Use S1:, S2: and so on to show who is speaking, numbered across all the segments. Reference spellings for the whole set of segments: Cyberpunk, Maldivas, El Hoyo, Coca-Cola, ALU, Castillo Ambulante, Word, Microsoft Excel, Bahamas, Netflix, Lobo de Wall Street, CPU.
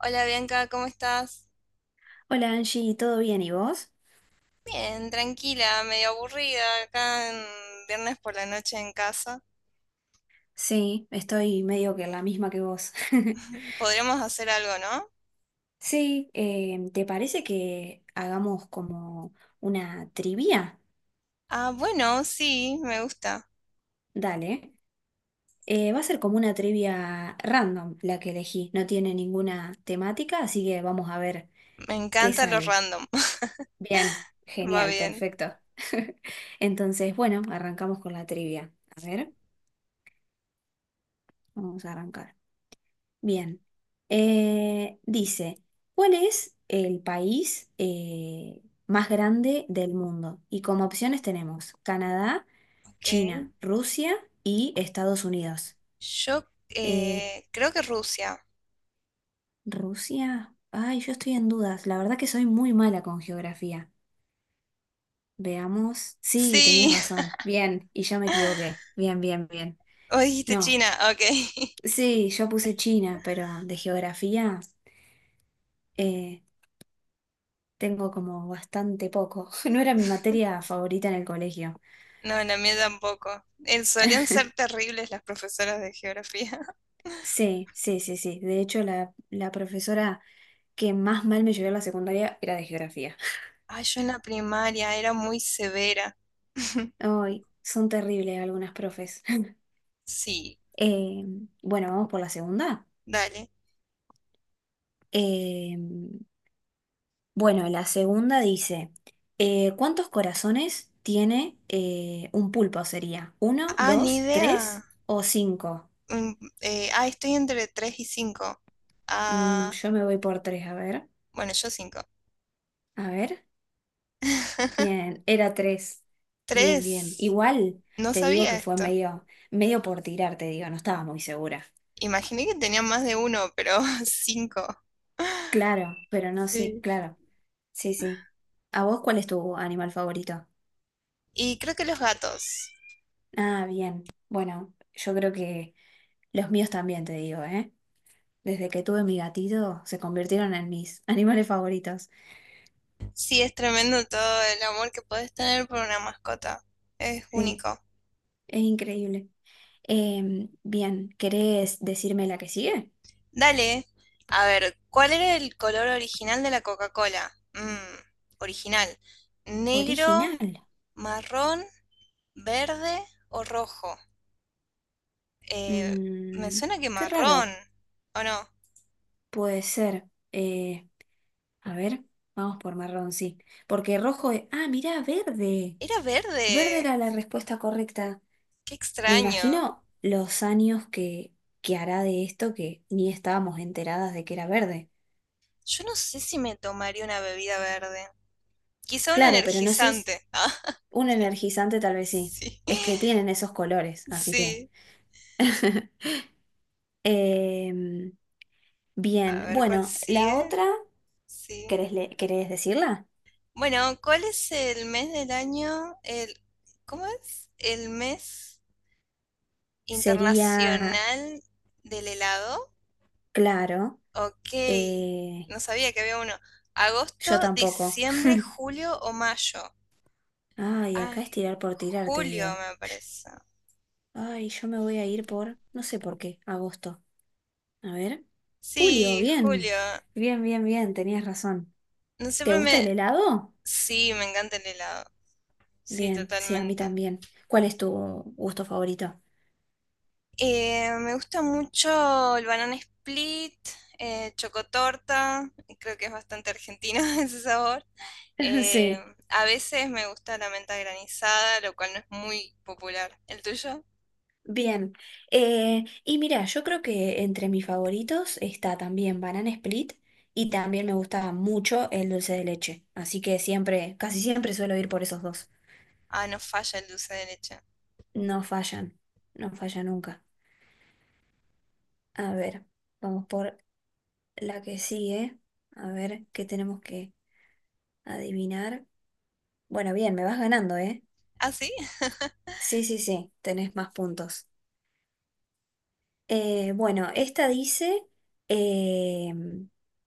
S1: Hola Bianca, ¿cómo estás?
S2: Hola Angie, ¿todo bien y vos?
S1: Bien, tranquila, medio aburrida acá en viernes por la noche en casa.
S2: Sí, estoy medio que la misma que vos.
S1: Podríamos hacer algo, ¿no?
S2: Sí, ¿te parece que hagamos como una trivia?
S1: Ah, bueno, sí, me gusta.
S2: Dale. Va a ser como una trivia random la que elegí. No tiene ninguna temática, así que vamos a ver
S1: Me
S2: qué
S1: encanta lo
S2: sale.
S1: random.
S2: Bien,
S1: Va
S2: genial,
S1: bien.
S2: perfecto. Entonces, bueno, arrancamos con la trivia. A ver, vamos a arrancar. Bien. Dice, ¿cuál es el país más grande del mundo? Y como opciones tenemos Canadá,
S1: Ok.
S2: China, Rusia y Estados Unidos.
S1: Yo
S2: Eh,
S1: creo que Rusia.
S2: Rusia, ay, yo estoy en dudas. La verdad que soy muy mala con geografía. Veamos. Sí, tenías
S1: Sí.
S2: razón. Bien, y yo me equivoqué. Bien, bien, bien.
S1: O dijiste
S2: No,
S1: China, ok.
S2: sí, yo puse China, pero de geografía. eh, Tengo como bastante poco. No era mi materia favorita en el colegio.
S1: No, la mía tampoco. Solían ser terribles las profesoras de geografía.
S2: Sí, sí, sí, sí. De hecho, la profesora que más mal me llevó a la secundaria era de geografía.
S1: Ay, yo en la primaria era muy severa.
S2: Ay, son terribles algunas profes.
S1: Sí,
S2: Eh, bueno, vamos por la segunda.
S1: dale.
S2: Eh, bueno, la segunda dice, ¿cuántos corazones tiene un pulpo? ¿Sería uno,
S1: Ah, ni
S2: dos,
S1: idea.
S2: tres o cinco?
S1: Mm, estoy entre 3 y cinco.
S2: Mm,
S1: Ah,
S2: yo me voy por tres, a ver.
S1: bueno, yo 5,
S2: A ver. Bien, era tres. Bien, bien.
S1: tres.
S2: Igual
S1: No
S2: te digo
S1: sabía
S2: que fue
S1: esto.
S2: medio, medio por tirar, te digo, no estaba muy segura.
S1: Imaginé que tenían más de uno, pero cinco.
S2: Claro, pero no, sí,
S1: Sí.
S2: claro. Sí, sí. ¿A vos cuál es tu animal favorito?
S1: Y creo que los gatos.
S2: Ah, bien. Bueno, yo creo que los míos también, te digo, ¿eh? Desde que tuve mi gatito, se convirtieron en mis animales favoritos.
S1: Sí, es tremendo todo el amor que puedes tener por una mascota. Es
S2: Sí,
S1: único.
S2: es increíble. Bien, ¿querés decirme la que sigue?
S1: Dale. A ver, ¿cuál era el color original de la Coca-Cola? Original. Negro,
S2: Original.
S1: marrón. ¿Verde o rojo? Eh, me
S2: Mm,
S1: suena que
S2: qué
S1: marrón,
S2: raro.
S1: ¿o no?
S2: Puede ser. A ver, vamos por marrón, sí. Porque rojo es... Ah, mirá, verde.
S1: Era
S2: Verde
S1: verde.
S2: era la respuesta correcta.
S1: Qué
S2: Me
S1: extraño.
S2: imagino los años que hará de esto que ni estábamos enteradas de que era verde.
S1: Yo no sé si me tomaría una bebida verde. Quizá un
S2: Claro, pero no sé,
S1: energizante. Ah,
S2: un energizante tal vez sí.
S1: sí.
S2: Es que tienen esos colores, así que...
S1: Sí.
S2: Em,
S1: A
S2: bien,
S1: ver cuál
S2: bueno, la
S1: sigue.
S2: otra,
S1: Sí.
S2: ¿Querés decirla?
S1: Bueno, ¿cuál es el mes del año? El, ¿cómo es? El mes
S2: Sería,
S1: internacional del helado.
S2: claro,
S1: Ok,
S2: eh,
S1: no sabía que había uno.
S2: yo
S1: Agosto,
S2: tampoco.
S1: diciembre, julio o mayo.
S2: Ay, acá es
S1: Ay,
S2: tirar por tirar, te
S1: julio
S2: digo.
S1: me parece.
S2: Ay, yo me voy a ir por, no sé por qué, agosto. A ver. Julio,
S1: Sí,
S2: bien.
S1: julio.
S2: Bien, bien, bien, tenías razón.
S1: No
S2: ¿Te
S1: siempre
S2: gusta el
S1: me...
S2: helado?
S1: Sí, me encanta el helado. Sí,
S2: Bien, sí, a mí
S1: totalmente.
S2: también. ¿Cuál es tu gusto favorito?
S1: Me gusta mucho el banana split, chocotorta. Creo que es bastante argentino ese sabor. Eh,
S2: Sí,
S1: a veces me gusta la menta granizada, lo cual no es muy popular. ¿El tuyo?
S2: bien. Y mira, yo creo que entre mis favoritos está también Banana Split y también me gusta mucho el dulce de leche. Así que siempre, casi siempre suelo ir por esos dos.
S1: Ah, no falla el dulce de leche.
S2: No fallan, no falla nunca. A ver, vamos por la que sigue. A ver qué tenemos que adivinar. Bueno, bien, me vas ganando, ¿eh?
S1: ¿Ah, sí?
S2: Sí, sí, sí, tenés más puntos. Bueno, esta dice, eh,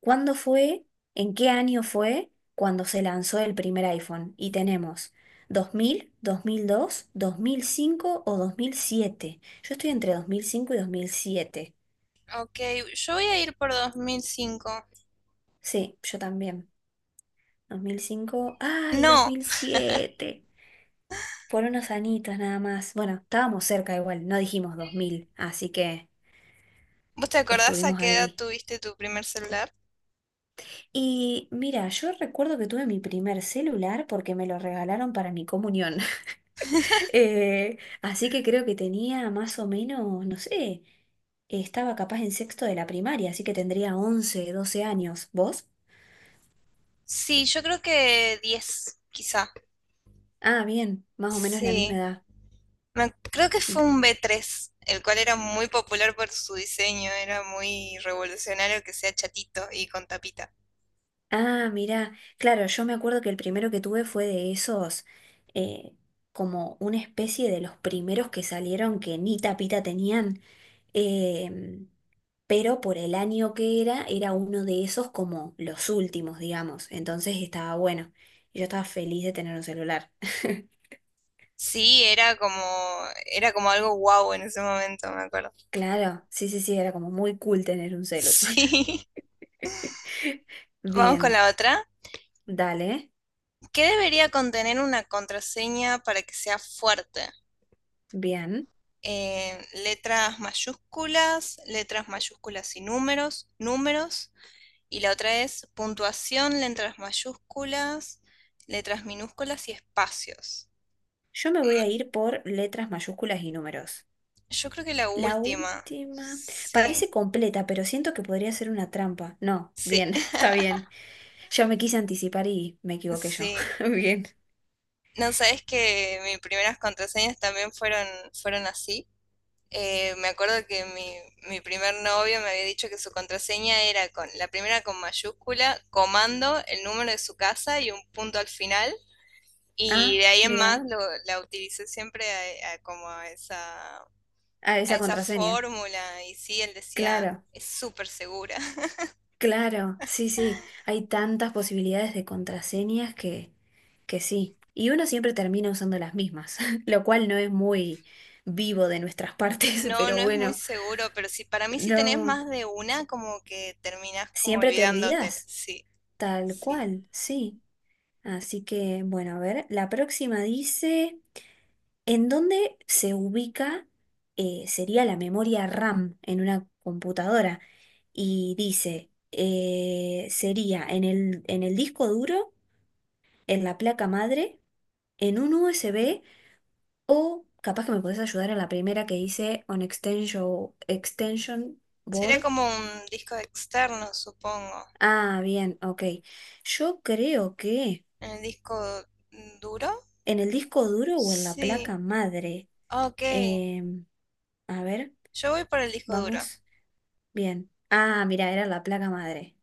S2: ¿cuándo fue, en qué año fue cuando se lanzó el primer iPhone? Y tenemos dos dos dos mil mil 2005 o 2007. Yo estoy entre 2005 y 2007.
S1: Ok, yo voy a ir por dos mil cinco.
S2: Sí, yo también. 2005, ay, dos
S1: No,
S2: mil siete por unos añitos nada más. Bueno, estábamos cerca igual, no dijimos 2000, así que
S1: ¿vos te acordás a
S2: estuvimos
S1: qué edad
S2: ahí.
S1: tuviste tu primer celular?
S2: Y mira, yo recuerdo que tuve mi primer celular porque me lo regalaron para mi comunión. Así que creo que tenía más o menos, no sé, estaba capaz en sexto de la primaria, así que tendría 11 12 años. ¿Vos?
S1: Sí, yo creo que diez, quizá.
S2: Ah, bien, más o menos la misma
S1: Sí,
S2: edad.
S1: Creo que fue un b tres, el cual era muy popular por su diseño, era muy revolucionario que sea chatito y con tapita.
S2: Ah, mira, claro, yo me acuerdo que el primero que tuve fue de esos, eh, como una especie de los primeros que salieron que ni tapita tenían, em, pero por el año que era, era uno de esos como los últimos, digamos, entonces estaba bueno, y yo estaba feliz de tener un celular.
S1: Sí, era como algo guau en ese momento, me acuerdo.
S2: Claro, sí, sí, sí, era como muy cool tener un celu.
S1: Sí. Vamos con
S2: Bien,
S1: la otra.
S2: dale,
S1: ¿Qué debería contener una contraseña para que sea fuerte?
S2: bien.
S1: Letras mayúsculas y números, números. Y la otra es puntuación, letras mayúsculas, letras minúsculas y espacios.
S2: Yo me voy a ir por letras mayúsculas y números.
S1: Yo creo que la
S2: La
S1: última.
S2: última.
S1: Sí,
S2: Parece completa, pero siento que podría ser una trampa. No,
S1: sí,
S2: bien, está bien. Yo me quise anticipar y me equivoqué yo.
S1: sí.
S2: Bien.
S1: No sabes que mis primeras contraseñas también fueron así. Me acuerdo que mi primer novio me había dicho que su contraseña era con la primera con mayúscula, comando, el número de su casa y un punto al final. Y
S2: Ah,
S1: de ahí en más
S2: mira.
S1: la utilicé siempre a como
S2: Ah,
S1: a
S2: esa
S1: esa
S2: contraseña.
S1: fórmula. Y sí, él decía,
S2: Claro,
S1: es súper segura.
S2: claro. Sí, sí. Hay tantas posibilidades de contraseñas que sí. Y uno siempre termina usando las mismas, lo cual no es muy vivo de nuestras partes,
S1: No, no
S2: pero
S1: es muy
S2: bueno,
S1: seguro, pero sí, para mí si tenés
S2: no.
S1: más de una, como que terminás como
S2: Siempre te
S1: olvidándote.
S2: olvidas.
S1: Sí,
S2: Tal
S1: sí.
S2: cual, sí. Así que, bueno, a ver, la próxima dice, ¿en dónde se ubica, sería la memoria RAM en una computadora? Y dice, sería en el disco duro, en la placa madre, en un USB o capaz que me podés ayudar en la primera que dice on extension, extension
S1: Sería
S2: board.
S1: como un disco externo, supongo.
S2: Ah, bien, ok. Yo creo que
S1: ¿En el disco duro?
S2: en el disco duro o en la
S1: Sí.
S2: placa madre.
S1: Ok.
S2: Em, a ver,
S1: Yo voy por el disco duro.
S2: vamos. Bien. Ah, mira, era la placa madre.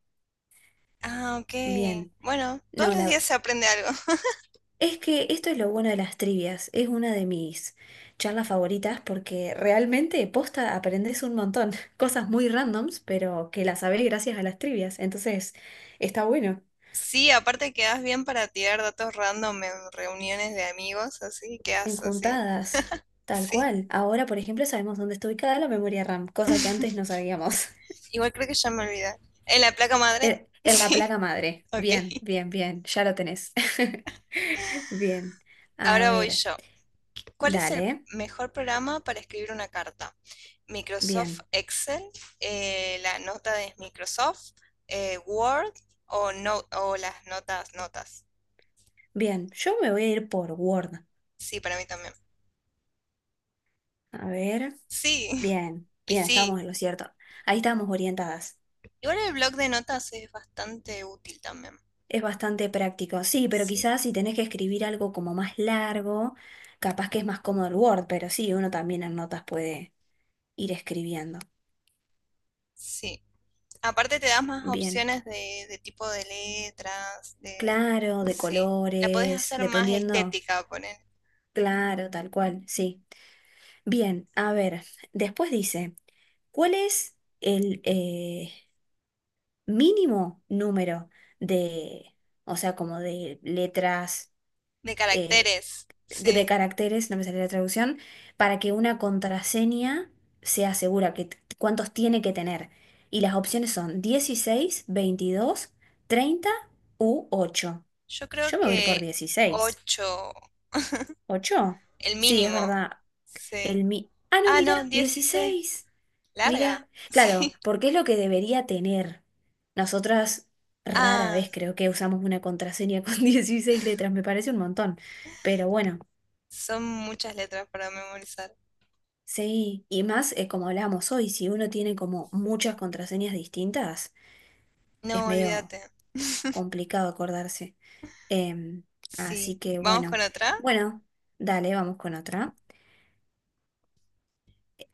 S1: Ah, ok.
S2: Bien.
S1: Bueno, todos
S2: No,
S1: los
S2: la...
S1: días se aprende algo.
S2: es que esto es lo bueno de las trivias. Es una de mis charlas favoritas porque realmente posta aprendes un montón. Cosas muy randoms, pero que las sabés gracias a las trivias. Entonces, está bueno.
S1: Sí, aparte quedas bien para tirar datos random en reuniones de amigos, así quedas así.
S2: Enjuntadas. Tal
S1: Sí.
S2: cual. Ahora, por ejemplo, sabemos dónde está ubicada la memoria RAM, cosa que antes no sabíamos.
S1: Igual creo que ya me olvidé. ¿En la placa madre?
S2: En, en la
S1: Sí.
S2: placa madre.
S1: Ok.
S2: Bien, bien, bien. Ya lo tenés. Bien. A
S1: Ahora voy
S2: ver,
S1: yo. ¿Cuál es el
S2: dale.
S1: mejor programa para escribir una carta? Microsoft
S2: Bien,
S1: Excel, la nota de Microsoft, Word o, no, o las notas, notas.
S2: bien. Yo me voy a ir por Word.
S1: Sí, para mí también.
S2: A ver.
S1: Sí,
S2: Bien,
S1: y
S2: bien,
S1: sí.
S2: estábamos en lo cierto. Ahí estábamos orientadas.
S1: Igual el blog de notas es bastante útil también.
S2: Es bastante práctico. Sí, pero
S1: Sí,
S2: quizás si tenés que escribir algo como más largo, capaz que es más cómodo el Word, pero sí, uno también en notas puede ir escribiendo.
S1: sí. Aparte te das más
S2: Bien.
S1: opciones de tipo de letras, de...
S2: Claro, de
S1: Sí. La podés
S2: colores,
S1: hacer más
S2: dependiendo.
S1: estética, poner.
S2: Claro, tal cual, sí. Bien, a ver, después dice, ¿cuál es el mínimo número de, o sea, como de letras,
S1: De
S2: eh,
S1: caracteres,
S2: de
S1: sí.
S2: caracteres, no me sale la traducción, para que una contraseña sea segura, que, cuántos tiene que tener? Y las opciones son 16, 22, 30 u ocho.
S1: Yo
S2: Yo
S1: creo
S2: me voy a ir por
S1: que
S2: dieciséis.
S1: 8
S2: Ocho.
S1: el
S2: Sí,
S1: mínimo.
S2: es verdad.
S1: Sí.
S2: El mi... Ah, no,
S1: Ah, no,
S2: mira,
S1: dieciséis.
S2: 16.
S1: Larga.
S2: Mira, claro,
S1: Sí.
S2: porque es lo que debería tener. Nosotras rara
S1: Ah,
S2: vez creo que usamos una contraseña con 16 letras, me parece un montón. Pero bueno,
S1: son muchas letras para memorizar.
S2: sí, y más como hablábamos hoy, si uno tiene como muchas contraseñas distintas, es
S1: No,
S2: medio
S1: olvídate.
S2: complicado acordarse. Em,
S1: Sí.
S2: así que
S1: Vamos
S2: bueno,
S1: con otra.
S2: bueno, dale, vamos con otra.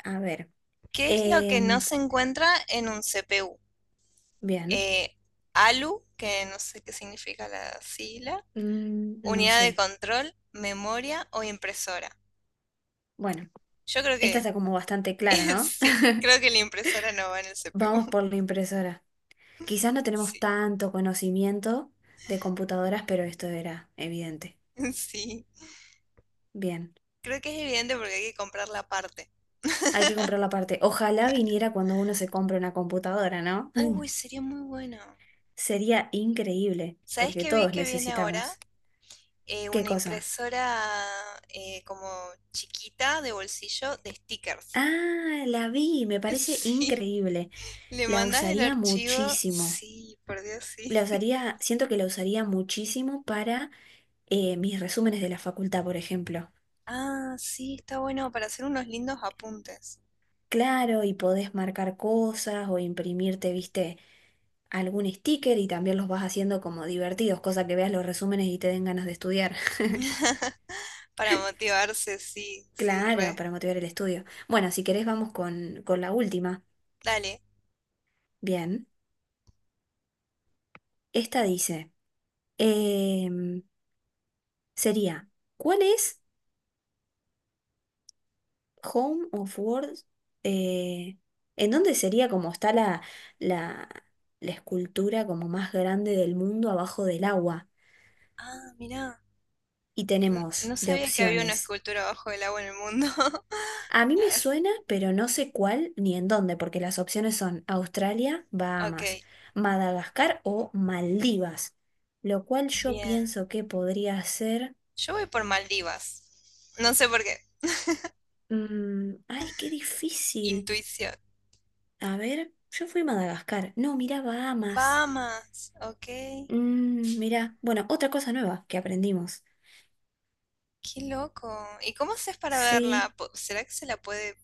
S2: A ver,
S1: ¿Qué es lo que no
S2: em,
S1: se encuentra en un CPU?
S2: bien,
S1: Eh, ALU, que no sé qué significa la sigla.
S2: no
S1: Unidad de
S2: sé.
S1: control, memoria o impresora.
S2: Bueno,
S1: Yo creo
S2: esta
S1: que
S2: está como bastante clara, ¿no?
S1: sí, creo que la impresora no va en el
S2: Vamos
S1: CPU.
S2: por la impresora. Quizás no tenemos tanto conocimiento de computadoras, pero esto era evidente.
S1: Sí,
S2: Bien,
S1: creo que es evidente porque hay que comprar la parte.
S2: hay que comprar la parte. Ojalá viniera cuando uno se compra una computadora, ¿no?
S1: Uy, sería muy bueno.
S2: Sería increíble,
S1: ¿Sabes
S2: porque
S1: qué vi
S2: todos
S1: que viene ahora?
S2: necesitamos. ¿Qué
S1: Una
S2: cosa?
S1: impresora como chiquita de bolsillo de stickers.
S2: Ah, la vi, me parece
S1: Sí,
S2: increíble.
S1: le
S2: La
S1: mandas el
S2: usaría
S1: archivo.
S2: muchísimo.
S1: Sí, por Dios, sí.
S2: La usaría, siento que la usaría muchísimo para mis resúmenes de la facultad, por ejemplo.
S1: Ah, sí, está bueno para hacer unos lindos apuntes.
S2: Claro, y podés marcar cosas o imprimirte, viste algún sticker y también los vas haciendo como divertidos, cosa que veas los resúmenes y te den ganas de estudiar.
S1: Para motivarse, sí, sí,
S2: Claro,
S1: re.
S2: para motivar el estudio. Bueno, si querés vamos con la última.
S1: Dale.
S2: Bien, esta dice, em, sería, ¿cuál es Home of Words? eh, ¿En dónde sería como está la, la escultura como más grande del mundo abajo del agua?
S1: Ah, mirá.
S2: Y tenemos
S1: No
S2: de
S1: sabía que había una
S2: opciones.
S1: escultura bajo el agua en el mundo.
S2: A mí me
S1: As-
S2: suena, pero no sé cuál ni en dónde, porque las opciones son Australia,
S1: Ok,
S2: Bahamas, Madagascar o Maldivas, lo cual yo
S1: bien.
S2: pienso que podría ser...
S1: Yo voy por Maldivas. No sé por qué.
S2: Ay, qué difícil.
S1: Intuición.
S2: A ver, yo fui a Madagascar. No, mirá, Bahamas.
S1: Bahamas, ok.
S2: Mirá, bueno, otra cosa nueva que aprendimos.
S1: Qué loco. ¿Y cómo haces para verla?
S2: Sí.
S1: ¿Será que se la puede,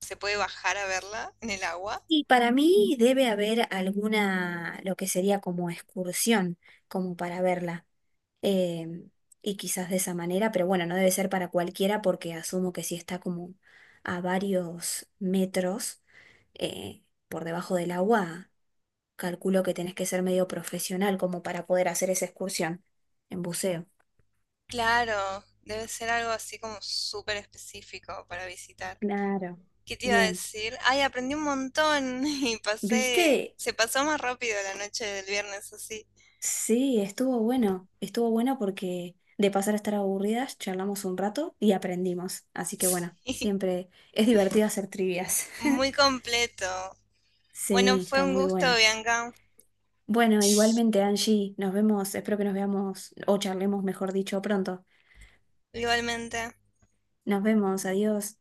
S1: se puede bajar a verla en el agua?
S2: Y para mí debe haber alguna, lo que sería como excursión, como para verla. eh, y quizás de esa manera, pero bueno, no debe ser para cualquiera porque asumo que si está como a varios metros eh, por debajo del agua, calculo que tenés que ser medio profesional como para poder hacer esa excursión en buceo.
S1: Claro, debe ser algo así como súper específico para visitar.
S2: Claro,
S1: ¿Qué te iba a
S2: bien.
S1: decir? Ay, aprendí un montón y pasé,
S2: ¿Viste?
S1: se pasó más rápido la noche del viernes así.
S2: Sí, estuvo bueno. Estuvo bueno porque de pasar a estar aburridas, charlamos un rato y aprendimos. Así que bueno,
S1: Sí,
S2: siempre es divertido hacer trivias.
S1: muy completo. Bueno,
S2: Sí,
S1: fue
S2: está
S1: un
S2: muy
S1: gusto,
S2: bueno.
S1: Bianca.
S2: Bueno, igualmente, Angie, nos vemos, espero que nos veamos o charlemos, mejor dicho, pronto.
S1: Igualmente.
S2: Nos vemos, adiós.